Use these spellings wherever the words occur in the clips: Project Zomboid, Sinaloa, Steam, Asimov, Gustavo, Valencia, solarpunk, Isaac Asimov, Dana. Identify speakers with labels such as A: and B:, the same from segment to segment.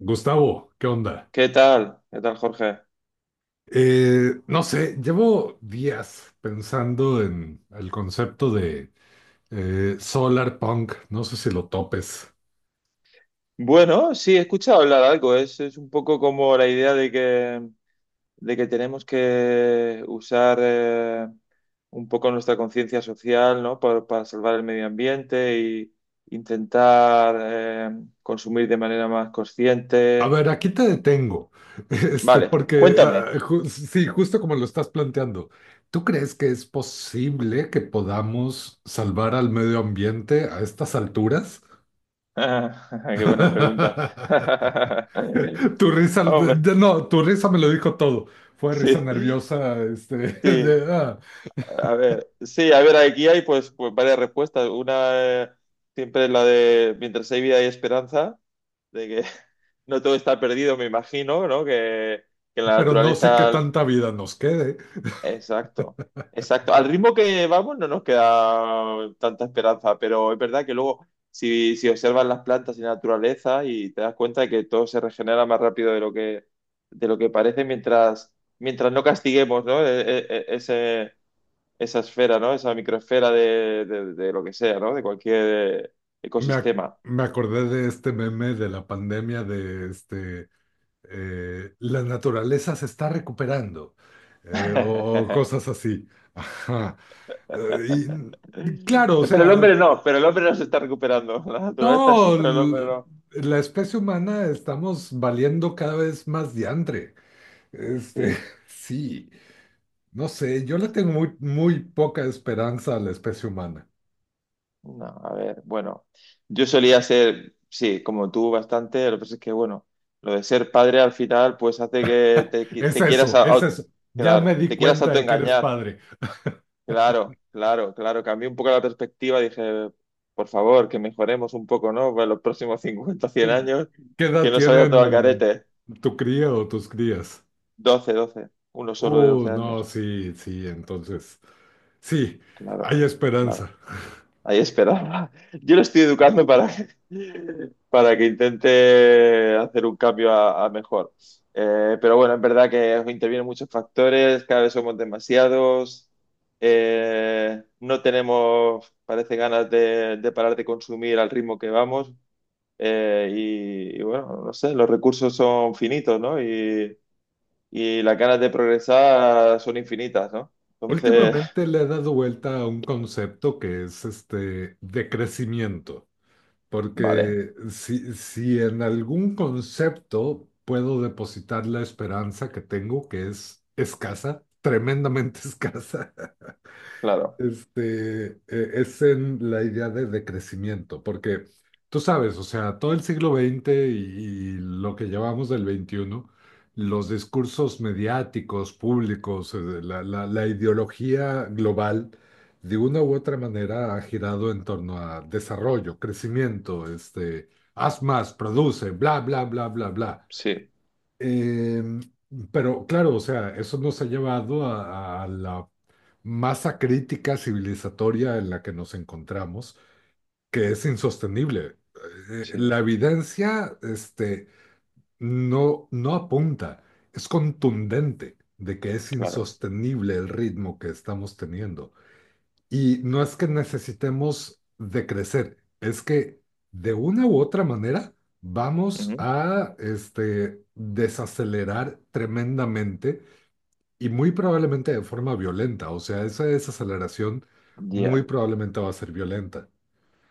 A: Gustavo, ¿qué onda?
B: ¿Qué tal? ¿Qué tal, Jorge?
A: No sé, llevo días pensando en el concepto de solar punk. No sé si lo topes.
B: Bueno, sí, he escuchado hablar algo. Es un poco como la idea de que tenemos que usar un poco nuestra conciencia social, ¿no? Para salvar el medio ambiente y intentar consumir de manera más
A: A
B: consciente.
A: ver, aquí te detengo,
B: Vale,
A: porque
B: cuéntame.
A: sí, justo como lo estás planteando, ¿tú crees que es posible que podamos salvar al medio ambiente a estas alturas?
B: Qué buena pregunta.
A: Tu risa,
B: Hombre,
A: no, tu risa me lo dijo todo. Fue risa
B: sí,
A: nerviosa,
B: sí.
A: de, ah,
B: A ver, sí, a ver, aquí hay pues varias respuestas. Una eh, siempre es la de mientras hay vida hay esperanza, de que no todo está perdido, me imagino, ¿no? Que la
A: pero no sé qué
B: naturaleza.
A: tanta vida nos quede.
B: Exacto, exacto. Al ritmo que vamos no nos queda tanta esperanza, pero es verdad que luego si observas las plantas y la naturaleza y te das cuenta de que todo se regenera más rápido de lo que parece mientras no castiguemos, ¿no? E- e- e- ese esa esfera, ¿no? Esa microesfera de lo que sea, ¿no? De cualquier
A: Me, ac-
B: ecosistema.
A: Me acordé de este meme de la pandemia de la naturaleza se está recuperando, o
B: Pero
A: cosas así. Ajá. Eh, y claro, o
B: el
A: sea,
B: hombre no, pero el hombre no se está recuperando. La naturaleza sí,
A: no,
B: pero el hombre no.
A: la especie humana estamos valiendo cada vez más diantre. Este,
B: Sí,
A: sí, no sé, yo le tengo muy, muy poca esperanza a la especie humana.
B: no, a ver, bueno, yo solía ser, sí, como tú bastante, lo que pasa es que, bueno, lo de ser padre al final, pues hace que te, qui-
A: Es
B: te quieras,
A: eso, es eso. Ya me
B: claro,
A: di
B: te quieras
A: cuenta de que eres
B: autoengañar.
A: padre.
B: Claro, claro, claro. Cambié un poco la perspectiva. Dije, por favor, que mejoremos un poco, ¿no? Para los próximos 50, 100
A: Mm,
B: años,
A: ¿Qué
B: que
A: edad
B: no se vaya todo al
A: tienen
B: carete.
A: tu cría o tus crías?
B: 12, 12. Uno solo de
A: Oh,
B: 12
A: no,
B: años.
A: sí, sí, entonces, sí,
B: Claro,
A: hay
B: claro.
A: esperanza.
B: Ahí esperaba. Yo lo estoy educando para que intente hacer un cambio a mejor. Pero bueno, es verdad que intervienen muchos factores, cada vez somos demasiados. No tenemos, parece, ganas de parar de consumir al ritmo que vamos. Eh, y bueno, no sé, los recursos son finitos, ¿no? Y las ganas de progresar son infinitas, ¿no? Entonces,
A: Últimamente le he dado vuelta a un concepto que es este de crecimiento.
B: vale,
A: Porque si en algún concepto puedo depositar la esperanza que tengo, que es escasa, tremendamente escasa,
B: claro,
A: es en la idea de crecimiento, porque tú sabes, o sea, todo el siglo XX y lo que llevamos del XXI, los discursos mediáticos, públicos, la ideología global, de una u otra manera ha girado en torno a desarrollo, crecimiento, haz más, produce, bla, bla, bla, bla, bla.
B: sí,
A: Eh, pero claro, o sea, eso nos ha llevado a la masa crítica civilizatoria en la que nos encontramos, que es insostenible. Eh,
B: sí,
A: La evidencia, no, no apunta, es contundente de que es
B: claro.
A: insostenible el ritmo que estamos teniendo. Y no es que necesitemos de crecer, es que de una u otra manera vamos a desacelerar tremendamente y muy probablemente de forma violenta. O sea, esa desaceleración muy
B: Ya,
A: probablemente va a ser violenta.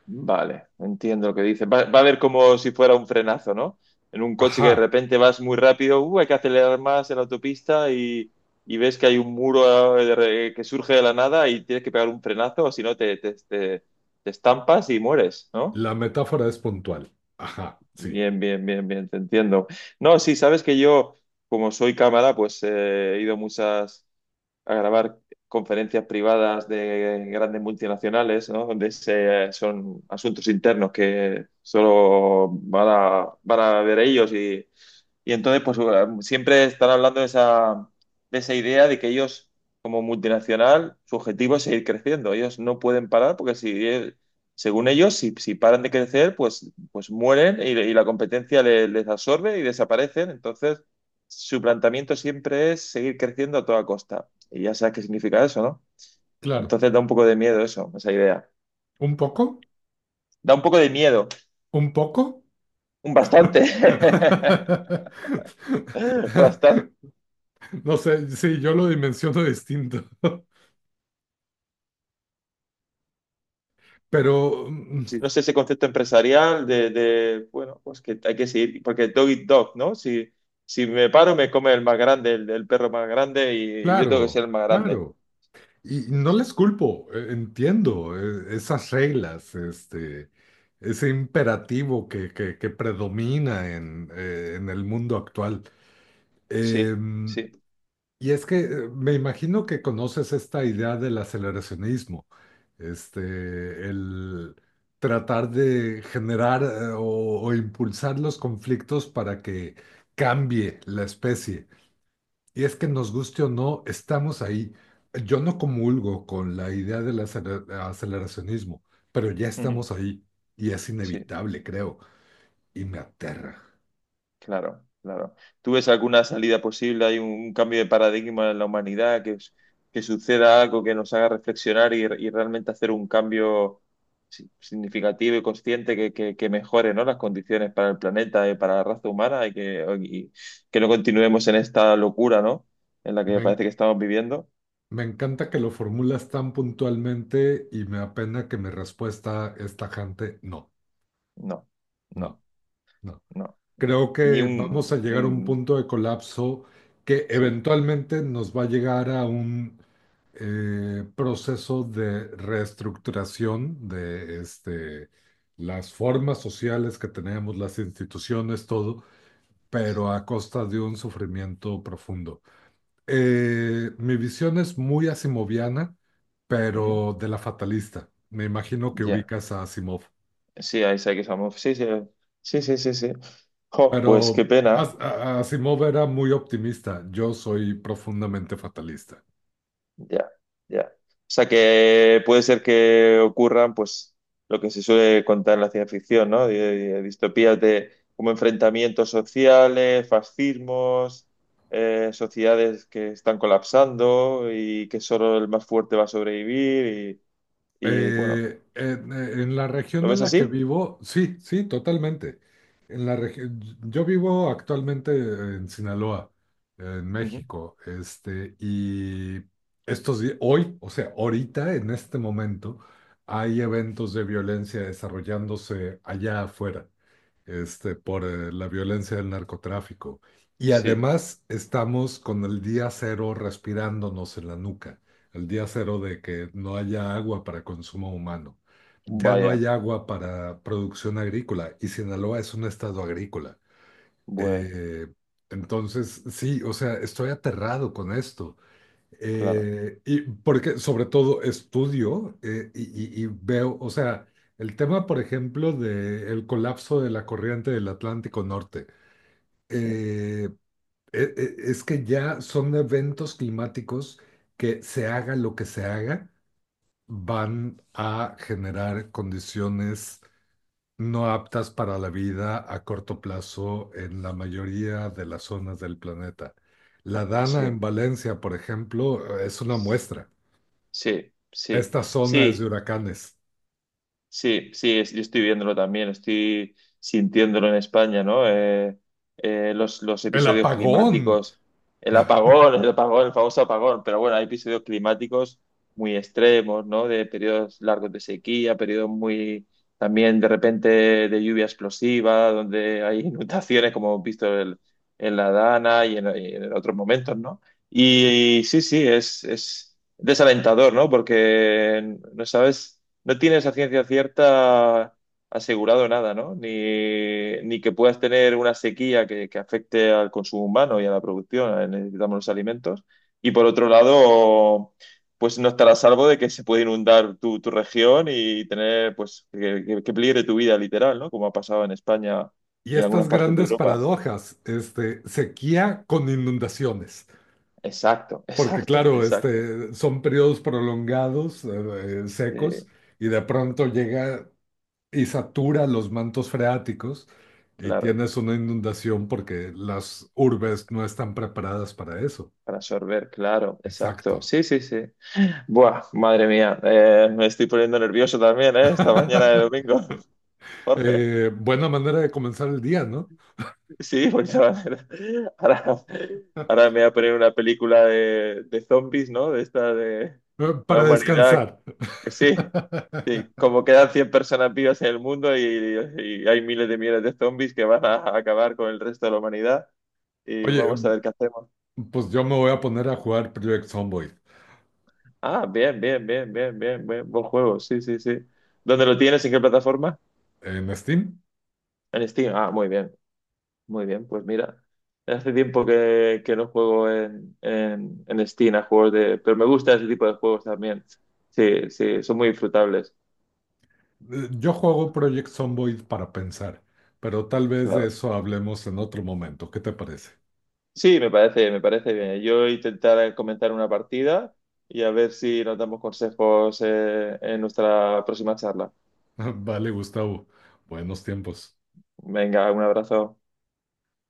B: vale, entiendo lo que dice. Va a haber como si fuera un frenazo, ¿no? En un coche que de
A: Ajá,
B: repente vas muy rápido, hay que acelerar más en la autopista y ves que hay un muro que surge de la nada y tienes que pegar un frenazo, o si no te estampas y mueres, ¿no?
A: la metáfora es puntual. Ajá, sí,
B: Bien, bien, bien, bien, te entiendo. No, sí, sabes que yo, como soy cámara, pues he ido a muchas, a grabar conferencias privadas de grandes multinacionales, ¿no? Donde son asuntos internos que solo van a ver ellos y entonces pues siempre están hablando de esa idea de que ellos como multinacional su objetivo es seguir creciendo. Ellos no pueden parar porque si según ellos si paran de crecer pues mueren y la competencia les absorbe y desaparecen. Entonces su planteamiento siempre es seguir creciendo a toda costa. Y ya sabes qué significa eso, ¿no?
A: claro.
B: Entonces da un poco de miedo eso, esa idea.
A: ¿Un poco?
B: Da un poco de miedo,
A: ¿Un poco?
B: un bastante. Bastante.
A: No sé, sí, yo lo dimensiono distinto. Pero
B: Sí, no sé ese concepto empresarial de, bueno, pues que hay que seguir, porque dog eat dog, ¿no? Si, si me paro, me come el más grande, el perro más grande, y yo tengo que ser
A: claro,
B: el más grande.
A: claro. Y no
B: Pues,
A: les culpo, entiendo esas reglas, ese imperativo que predomina en el mundo actual.
B: sí,
A: Em,
B: sí.
A: y es que me imagino que conoces esta idea del aceleracionismo, el tratar de generar o impulsar los conflictos para que cambie la especie. Y es que nos guste o no, estamos ahí. Yo no comulgo con la idea del aceleracionismo, pero ya
B: Ujú,
A: estamos ahí y es
B: sí.
A: inevitable, creo, y me aterra.
B: Claro, claro. ¿Tú ves alguna salida posible? ¿Hay un cambio de paradigma en la humanidad? Que suceda algo que nos haga reflexionar y realmente hacer un cambio significativo y consciente que mejore, ¿no? Las condiciones para el planeta y para la raza humana y que no continuemos en esta locura, ¿no? En la que
A: Me, en-
B: parece que estamos viviendo.
A: me encanta que lo formulas tan puntualmente y me apena que mi respuesta es tajante, no,
B: No,
A: no,
B: no,
A: no.
B: no, no.
A: Creo
B: Ni
A: que vamos a llegar a un punto de colapso que
B: sí.
A: eventualmente nos va a llegar a un proceso de reestructuración de las formas sociales que tenemos, las instituciones, todo, pero a costa de un sufrimiento profundo. Mi visión es muy asimoviana,
B: Ujú.
A: pero de la fatalista. Me imagino que
B: Ya.
A: ubicas a Asimov.
B: Sí, Isaac Asimov. Sí, sí, sí, sí, sí, sí. Jo,
A: Pero
B: pues qué
A: As-
B: pena.
A: a- Asimov era muy optimista, yo soy profundamente fatalista.
B: Ya, ya. O sea que puede ser que ocurran, pues, lo que se suele contar en la ciencia ficción, ¿no? De distopías de como enfrentamientos sociales, fascismos, sociedades que están colapsando y que solo el más fuerte va a sobrevivir bueno,
A: En la
B: ¿lo
A: región en
B: ves
A: la que
B: así?
A: vivo, sí, sí, totalmente. Yo vivo actualmente en Sinaloa, en
B: Ujú.
A: México, y estos días, hoy, o sea, ahorita, en este momento, hay eventos de violencia desarrollándose allá afuera. Por la violencia del narcotráfico. Y
B: Sí,
A: además estamos con el día cero respirándonos en la nuca, el día cero de que no haya agua para consumo humano, ya no hay
B: vaya,
A: agua para producción agrícola y Sinaloa es un estado agrícola.
B: bueno,
A: Eh, entonces, sí, o sea, estoy aterrado con esto.
B: claro,
A: Y porque sobre todo estudio y veo, o sea, el tema, por ejemplo, del colapso de la corriente del Atlántico Norte,
B: sí,
A: eh, es que ya son eventos climáticos que se haga lo que se haga, van a generar condiciones no aptas para la vida a corto plazo en la mayoría de las zonas del planeta. La Dana
B: sí.
A: en Valencia, por ejemplo, es una muestra.
B: Sí, sí,
A: Esta zona es de
B: sí.
A: huracanes.
B: Sí, sí, yo estoy viéndolo también, estoy sintiéndolo en España, ¿no? Los
A: El
B: episodios
A: apagón
B: climáticos, el apagón, el apagón, el famoso apagón, pero bueno, hay episodios climáticos muy extremos, ¿no? De periodos largos de sequía, periodos muy también de repente de lluvia explosiva, donde hay inundaciones, como hemos visto en la Dana y en otros momentos, ¿no? Y, sí, sí, es desalentador, ¿no? Porque no sabes. No tienes a ciencia cierta asegurado nada, ¿no? Ni que puedas tener una sequía que afecte al consumo humano y a la producción, necesitamos los alimentos. Y por otro lado, pues no estar a salvo de que se puede inundar tu región y tener, pues, que peligre tu vida literal, ¿no? Como ha pasado en España
A: y
B: y en algunas
A: estas
B: partes de
A: grandes
B: Europa.
A: paradojas, sequía con inundaciones,
B: Exacto,
A: porque
B: exacto,
A: claro,
B: exacto.
A: son periodos prolongados,
B: Sí,
A: secos, y de pronto llega y satura los mantos freáticos y
B: claro.
A: tienes una inundación porque las urbes no están preparadas para eso.
B: Para absorber, claro, exacto.
A: Exacto.
B: Sí, sí, sí. Buah, madre mía, me estoy poniendo nervioso también, ¿eh? Esta mañana de domingo, Jorge.
A: Buena manera de comenzar el día, ¿no?
B: Sí, pues ahora, ahora me voy a poner una película de zombies, ¿no? De esta de la
A: Para
B: humanidad.
A: descansar.
B: Sí, sí, como quedan 100 personas vivas en el mundo y hay miles de millones de zombies que van a acabar con el resto de la humanidad y
A: Oye,
B: vamos a ver qué hacemos.
A: pues yo me voy a poner a jugar Project Zomboid
B: Ah, bien, bien, bien, bien, bien, bien, buen juego, sí, sí, sí. ¿Dónde lo tienes? ¿En qué plataforma?
A: en Steam.
B: En Steam. Ah, muy bien. Muy bien, pues mira, hace tiempo que no juego en Steam a juegos de. Pero me gusta ese tipo de juegos también. Sí, sí, son muy disfrutables,
A: Yo juego Project Zomboid para pensar, pero tal vez de
B: claro.
A: eso hablemos en otro momento. ¿Qué te parece?
B: Sí, me parece bien. Yo intentaré comenzar una partida y a ver si nos damos consejos en nuestra próxima charla.
A: Vale, Gustavo. Buenos tiempos.
B: Venga, un abrazo.